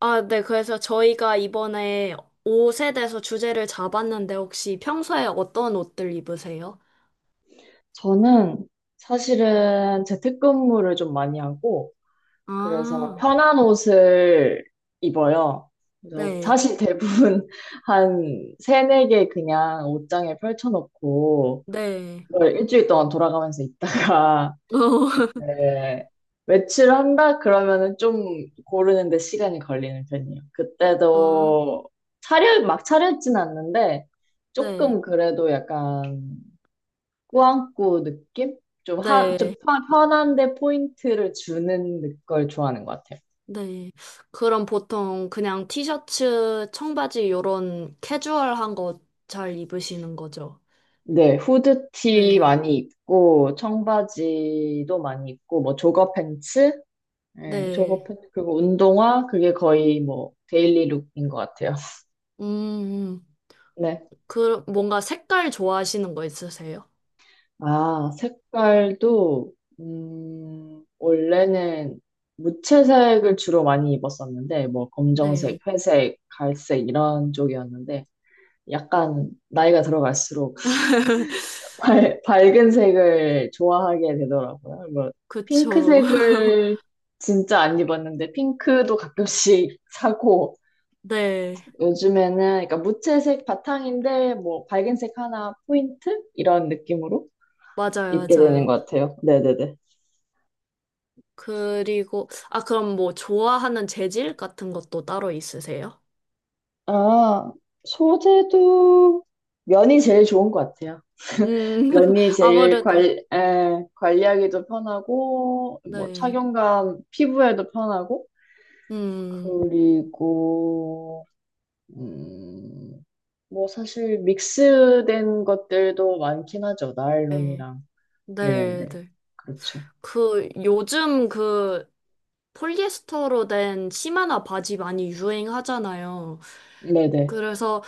아, 네. 그래서 저희가 이번에 옷에 대해서 주제를 잡았는데 혹시 평소에 어떤 옷들 입으세요? 저는 사실은 재택근무를 좀 많이 하고, 그래서 아, 편한 옷을 입어요. 그래서 네. 사실 대부분 한 세네 개 그냥 옷장에 펼쳐놓고, 네. 그걸 일주일 동안 돌아가면서 입다가, 네, 외출한다? 그러면은 좀 고르는데 시간이 걸리는 편이에요. 어, 아, 그때도 막 차려입진 않는데, 네. 조금 그래도 약간 꾸안꾸 느낌? 좀, 하, 좀 네. 편한데 포인트를 주는 걸 좋아하는 것 같아요. 네. 그럼 보통 그냥 티셔츠, 청바지 요런 캐주얼한 거 잘 입으시는 거죠? 네, 후드티 네. 많이 입고, 청바지도 많이 입고, 뭐, 조거 팬츠? 네, 조거 네. 팬츠, 그리고 운동화? 그게 거의 뭐, 데일리 룩인 것 같아요. 음, 음. 네. 그 뭔가 색깔 좋아하시는 거 있으세요? 아, 색깔도, 원래는 무채색을 주로 많이 입었었는데, 뭐, 검정색, 네. 회색, 갈색, 이런 쪽이었는데, 약간 나이가 들어갈수록 밝은 색을 좋아하게 되더라고요. 뭐, 그쵸. 핑크색을 진짜 안 입었는데, 핑크도 가끔씩 사고, 네. 요즘에는, 그러니까 무채색 바탕인데, 뭐, 밝은 색 하나 포인트? 이런 느낌으로 맞아요, 입게 되는 맞아요. 것 같아요. 네네네. 그리고, 아, 그럼 뭐, 좋아하는 재질 같은 것도 따로 있으세요? 아, 소재도 면이 제일 좋은 것 같아요. 음, 면이 제일 관, 아무래도, 관리하기도 편하고, 뭐, 네. 착용감, 피부에도 편하고, 음, 그리고, 음, 뭐 사실 믹스된 것들도 많긴 하죠. 네. 나일론이랑. 네, 네네. 네. 그렇죠. 그, 요즘 그, 폴리에스터로 된 치마나 바지 많이 유행하잖아요. 네네. 그래서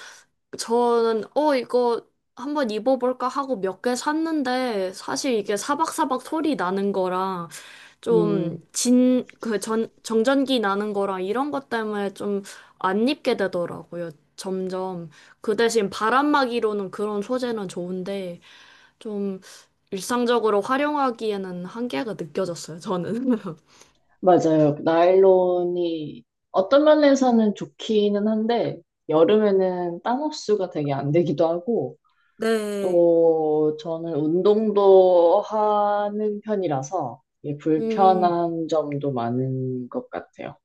저는, 이거 한번 입어볼까 하고 몇 개 샀는데, 사실 이게 사박사박 소리 나는 거랑, 좀 음, 정전기 나는 거랑 이런 것 때문에 좀 안 입게 되더라고요. 점점. 그 대신 바람막이로는 그런 소재는 좋은데 좀 일상적으로 활용하기에는 한계가 느껴졌어요, 저는. 맞아요. 나일론이 어떤 면에서는 좋기는 한데, 여름에는 땀 흡수가 되게 안 되기도 하고, 네. 또 저는 운동도 하는 편이라서 이게 음, 불편한 점도 많은 것 같아요.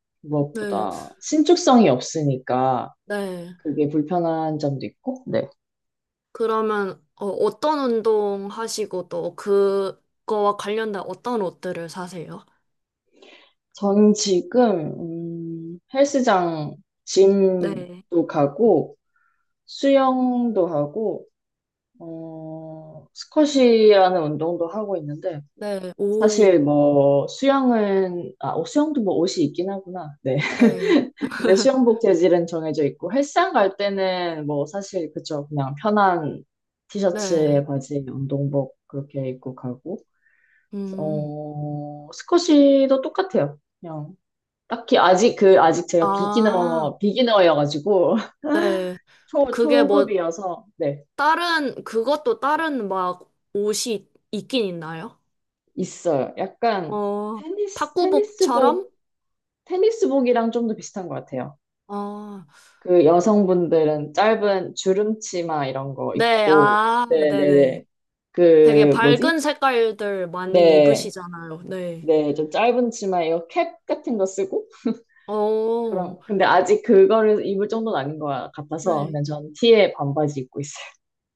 네, 무엇보다 신축성이 없으니까 네. 그게 불편한 점도 있고, 네. 그러면 어떤 운동 하시고 또 그거와 관련된 어떤 옷들을 사세요? 저는 지금, 헬스장, 네. 짐도 가고, 수영도 하고, 스쿼시라는 운동도 하고 있는데, 네, 오, 사실 뭐, 수영도 뭐 옷이 있긴 하구나. 네. 네, 근데 수영복 재질은 정해져 있고, 헬스장 갈 때는 뭐, 사실, 그쵸. 그냥 편한 네, 티셔츠에 바지, 운동복 그렇게 입고 가고, 음. 스쿼시도 똑같아요. 그냥 딱히 아직 제가 아, 비기너여가지고 네. 초 그게 뭐, 초급이어서 네 그것도 다른 막 옷이 있긴 있나요? 있어요. 약간 어, 테니스 탁구복처럼? 테니스복 테니스복이랑 좀 더 비슷한 것 같아요. 어, 그 여성분들은 짧은 주름 치마 이런 거 네, 입고 아, 네네. 네네네 되게 그 뭐지? 밝은 색깔들 많이 네. 입으시잖아요. 네. 네, 좀 짧은 치마 이거 캡 같은 거 쓰고 그럼 어, 근데 아직 그거를 입을 정도는 아닌 것 같아서 네. 그냥 전 티에 반바지 입고 있어요.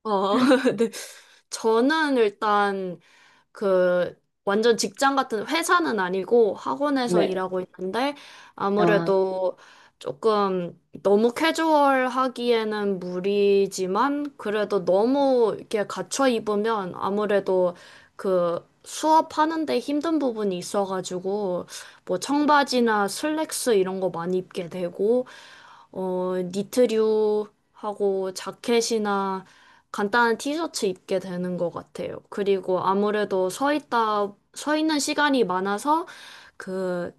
어, 네. 저는 일단 그 완전 직장 같은 회사는 아니고 학원에서 네. 일하고 있는데 아, 아무래도 조금 너무 캐주얼하기에는 무리지만 그래도 너무 이렇게 갖춰 입으면 아무래도 그 수업하는 데 힘든 부분이 있어가지고 뭐 청바지나 슬랙스 이런 거 많이 입게 되고 니트류하고 자켓이나 간단한 티셔츠 입게 되는 것 같아요. 그리고 아무래도 서 있는 시간이 많아서 그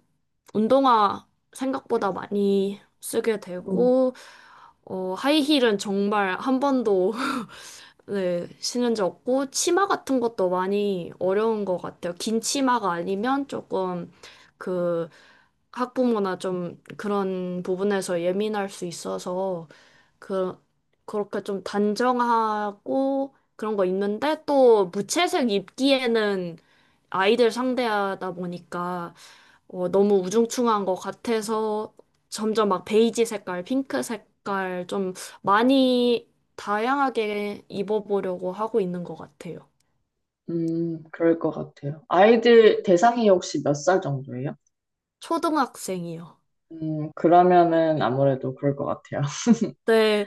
운동화 생각보다 많이 쓰게 음. 되고, 하이힐은 정말 한 번도 네, 신은없고 치마 같은 것도 많이 어려운 것 같아요. 긴 치마가 아니면 조금 그 학부모나 좀 그런 부분에서 예민할 수 있어서 그, 그렇게 좀 단정하고 그런 거 입는데 또 무채색 입기에는 아이들 상대하다 보니까 너무 우중충한 것 같아서 점점 막 베이지 색깔, 핑크 색깔 좀 많이 다양하게 입어보려고 하고 있는 것 같아요. 그럴 것 같아요. 아이들 대상이 혹시 몇 살 정도예요? 초등학생이요. 그러면은 아무래도 그럴 것 같아요. 네.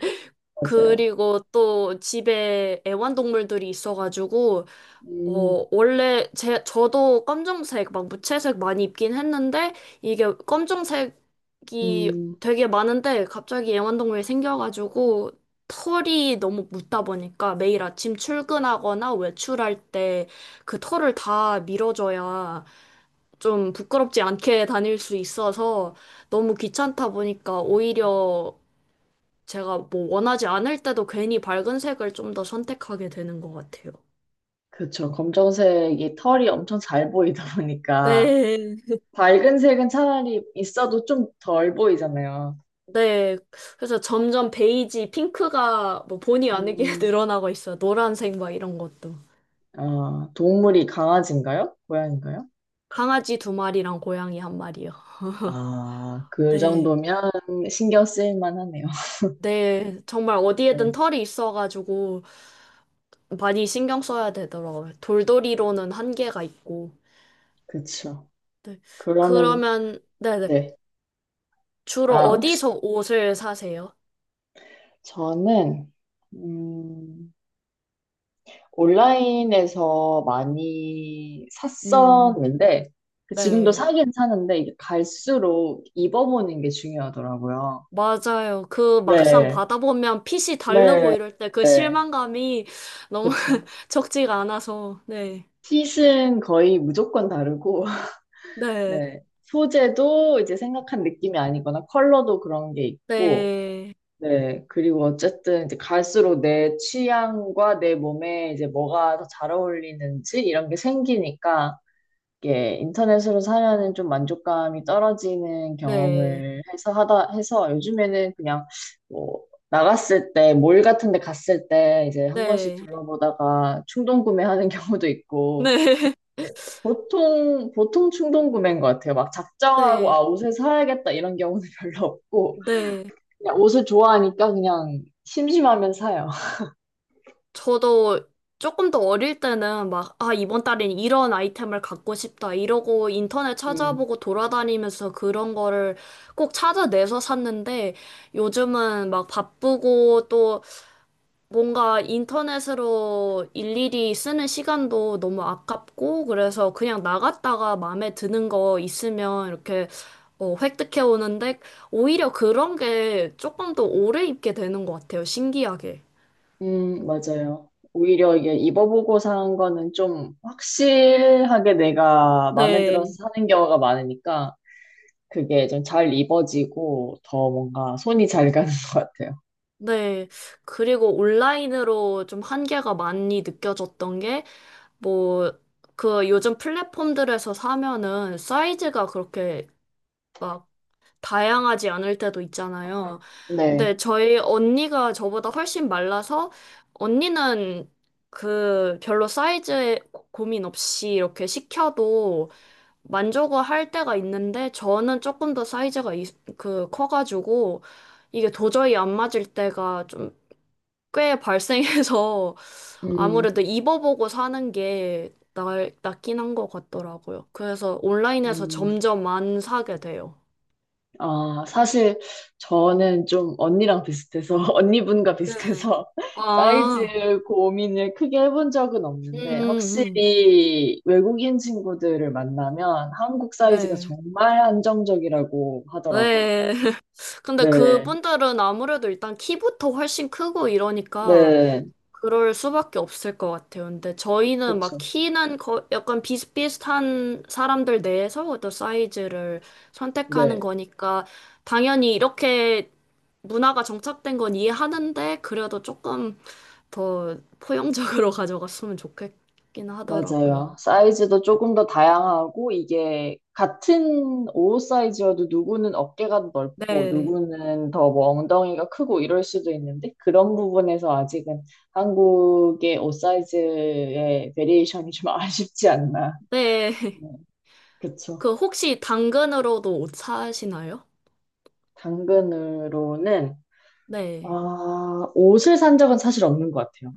맞아요. 그리고 또 집에 애완동물들이 있어가지고, 음, 원래 저도 검정색, 막 무채색 많이 입긴 했는데, 이게 검정색이 음, 되게 많은데, 갑자기 애완동물이 생겨가지고, 털이 너무 묻다 보니까 매일 아침 출근하거나 외출할 때 그 털을 다 밀어줘야 좀 부끄럽지 않게 다닐 수 있어서 너무 귀찮다 보니까 오히려 제가 뭐 원하지 않을 때도 괜히 밝은 색을 좀 더 선택하게 되는 것 같아요. 그쵸. 검정색이 털이 엄청 잘 보이다 보니까 네. 밝은 색은 차라리 있어도 좀 덜 보이잖아요. 네. 그래서 점점 베이지, 핑크가 뭐 본의 아니게 음, 늘어나고 있어요. 노란색 막 이런 것도. 아, 동물이 강아지인가요? 고양인가요 강아지 두 마리랑 고양이 한 마리요. 아, 그 네. 정도면 신경 쓰일 만하네요. 네. 정말 네, 어디에든 털이 있어가지고 많이 신경 써야 되더라고요. 돌돌이로는 한계가 있고. 그쵸. 네. 그러면, 그러면, 네네. 네. 주로 아, 혹시, 어디서 옷을 사세요? 저는 음, 온라인에서 많이 음, 샀었는데 그 지금도 네, 사긴 사는데 이게 갈수록 입어보는 게 중요하더라고요. 맞아요. 그 막상 네, 받아보면 핏이 다르고 네, 이럴 때 그 네, 실망감이 너무 그렇죠. 적지가 않아서, 네, 핏은 거의 무조건 다르고 네, 네, 소재도 이제 생각한 느낌이 아니거나 컬러도 그런 게 있고 네, 네, 그리고 어쨌든 이제 갈수록 내 취향과 내 몸에 이제 뭐가 더 잘 어울리는지 이런 게 생기니까 게 인터넷으로 사면은 좀 만족감이 떨어지는 네, 경험을 해서 요즘에는 그냥 뭐 나갔을 때 몰 같은 데 갔을 때 이제 한 번씩 네, 둘러보다가 충동 구매하는 경우도 있고 네, 보통 충동 구매인 것 같아요. 막 작정하고 네, 아 옷을 사야겠다 이런 경우는 별로 없고 네. 그냥 옷을 좋아하니까 그냥 심심하면 사요. 저도 조금 더 어릴 때는 막, 아, 이번 달엔 이런 아이템을 갖고 싶다. 이러고 인터넷 음. 찾아보고 돌아다니면서 그런 거를 꼭 찾아내서 샀는데 요즘은 막 바쁘고 또 뭔가 인터넷으로 일일이 쓰는 시간도 너무 아깝고 그래서 그냥 나갔다가 마음에 드는 거 있으면 이렇게 획득해 오는데 오히려 그런 게 조금 더 오래 입게 되는 것 같아요. 신기하게. 맞아요. 오히려 이게 입어보고 산 거는 좀 확실하게 내가 마음에 들어서 네. 사는 경우가 많으니까 그게 좀 잘 입어지고 더 뭔가 손이 잘 가는 것 같아요. 네. 그리고 온라인으로 좀 한계가 많이 느껴졌던 게, 뭐, 그 요즘 플랫폼들에서 사면은 사이즈가 그렇게 막 다양하지 않을 때도 있잖아요. 근데 네. 저희 언니가 저보다 훨씬 말라서, 언니는 그 별로 사이즈에 고민 없이 이렇게 시켜도 만족을 할 때가 있는데, 저는 조금 더 사이즈가 그 커가지고, 이게 도저히 안 맞을 때가 좀 꽤 발생해서 음, 아무래도 입어보고 사는 게 낫긴 한 것 같더라고요. 그래서 온라인에서 음, 점점 안 사게 돼요. 아, 사실 저는 좀 언니랑 비슷해서, 언니분과 네. 비슷해서 사이즈 아, 고민을 크게 해본 적은 음, 없는데 음, 음. 확실히 외국인 친구들을 만나면 한국 사이즈가 네. 정말 한정적이라고 하더라고요. 네. 근데 네, 그분들은 아무래도 일단 키부터 훨씬 크고 이러니까 네, 그럴 수밖에 없을 것 같아요. 근데 저희는 막 그쵸. 키는 거, 약간 비슷비슷한 사람들 내에서 또 사이즈를 선택하는 네, 거니까 당연히 이렇게 문화가 정착된 건 이해하는데 그래도 조금 더 포용적으로 가져갔으면 좋겠긴 하더라고요. 맞아요. 사이즈도 조금 더 다양하고, 이게 같은 옷 사이즈여도 누구는 어깨가 넓고, 네. 누구는 더 뭐 엉덩이가 크고 이럴 수도 있는데, 그런 부분에서 아직은 한국의 옷 사이즈의 베리에이션이 좀 아쉽지 않나. 네. 네, 그쵸. 그 혹시 당근으로도 옷 사시나요? 당근으로는, 네. 아, 옷을 산 적은 사실 없는 것 같아요.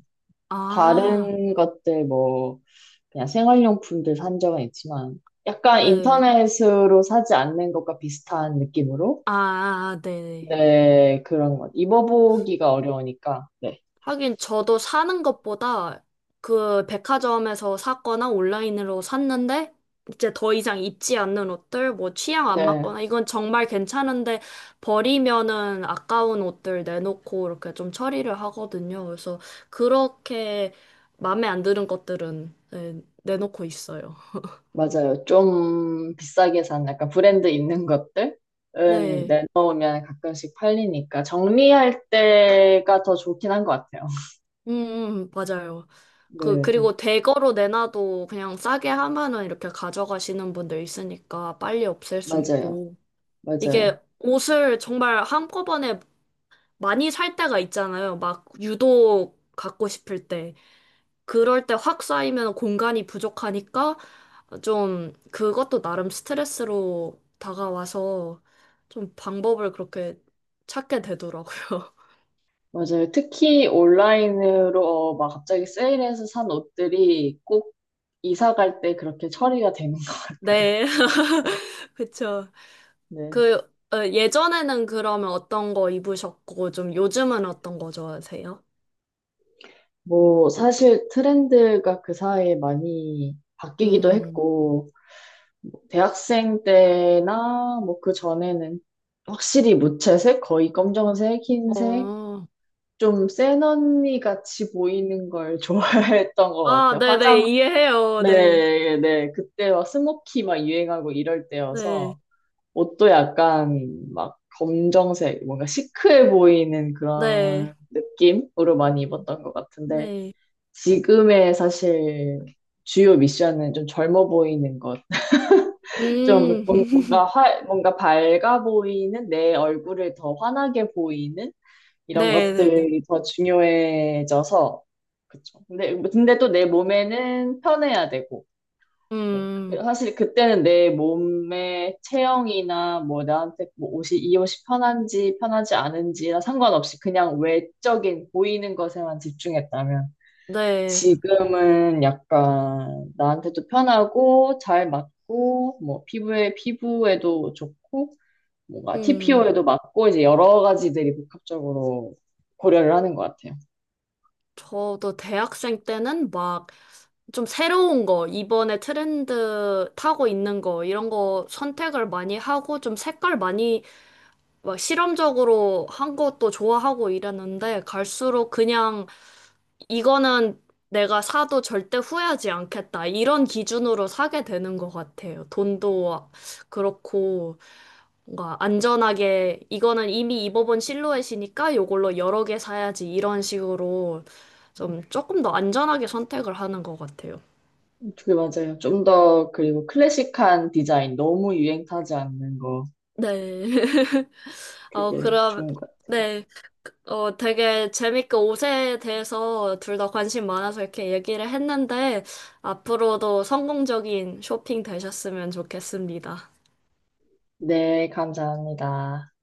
아, 다른 것들 뭐, 그냥 생활용품들 산 적은 있지만 약간 네. 인터넷으로 사지 않는 것과 비슷한 느낌으로 아, 네. 네. 네 그런 것 입어보기가 어려우니까 네, 하긴 저도 사는 것보다 그 백화점에서 샀거나 온라인으로 샀는데 이제 더 이상 입지 않는 옷들, 뭐 취향 안 네 맞거나 이건 정말 괜찮은데 버리면은 아까운 옷들 내놓고 이렇게 좀 처리를 하거든요. 그래서 그렇게 마음에 안 드는 것들은 네, 내놓고 있어요. 맞아요 좀 비싸게 산 약간 브랜드 있는 것들은 네. 내놓으면 가끔씩 팔리니까 정리할 때가 더 좋긴 한 것 같아요 음, 맞아요. 네 그, 네 그리고 대거로 내놔도 그냥 싸게 하면은 이렇게 가져가시는 분들 있으니까 빨리 없앨 수 맞아요, 있고. 이게 맞아요, 옷을 정말 한꺼번에 많이 살 때가 있잖아요. 막 유독 갖고 싶을 때. 그럴 때 확 쌓이면 공간이 부족하니까 좀 그것도 나름 스트레스로 다가와서 좀 방법을 그렇게 찾게 되더라고요. 맞아요. 특히 온라인으로 막 갑자기 세일해서 산 옷들이 꼭 이사 갈 때 그렇게 처리가 되는 것 같아요. 네. 그쵸. 네. 그, 예전에는 그러면 어떤 거 입으셨고, 좀 요즘은 어떤 거 좋아하세요? 뭐, 사실 트렌드가 그 사이에 많이 바뀌기도 음, 했고, 대학생 때나 뭐 그 전에는 확실히 무채색, 거의 검정색, 흰색, 어. 좀 센 언니 같이 보이는 걸 좋아했던 것 아, 같아요. 네네, 화장, 이해해요. 네. 네, 네. 그때 막 스모키 막 유행하고 이럴 네, 때여서. 옷도 약간 막 검정색, 뭔가 시크해 보이는 네, 그런 느낌으로 많이 입었던 것 같은데, 네, 지금의 사실 주요 미션은 좀 젊어 보이는 것. 좀 음, 뭔가 밝아 보이는 내 얼굴을 더 환하게 보이는 이런 네, 네, 네. 것들이 더 중요해져서, 그쵸. 근데 또 내 몸에는 편해야 되고, 네. 그- 음, 사실 그때는 내 몸의 체형이나 뭐 나한테 옷이 편한지 편하지 않은지나 상관없이 그냥 외적인 보이는 것에만 집중했다면 네, 지금은 약간 나한테도 편하고 잘 맞고 뭐 피부에도 좋고 뭔가 음. TPO에도 맞고 이제 여러 가지들이 복합적으로 고려를 하는 것 같아요. 저도 대학생 때는 막 좀 새로운 거, 이번에 트렌드 타고 있는 거, 이런 거 선택을 많이 하고 좀 색깔 많이 막 실험적으로 한 것도 좋아하고 이랬는데 갈수록 그냥 이거는 내가 사도 절대 후회하지 않겠다. 이런 기준으로 사게 되는 것 같아요. 돈도 그렇고. 뭔가 안전하게 이거는 이미 입어본 실루엣이니까 요걸로 여러 개 사야지 이런 식으로 좀 조금 더 안전하게 선택을 하는 것 같아요. 그 맞아요. 좀 더 그리고 클래식한 디자인 너무 유행 타지 않는 거 네. 어, 그게 그럼, 좋은 것 같아요. 네. 되게 재밌게 옷에 대해서 둘 다 관심 많아서 이렇게 얘기를 했는데, 앞으로도 성공적인 쇼핑 되셨으면 좋겠습니다. 네, 감사합니다.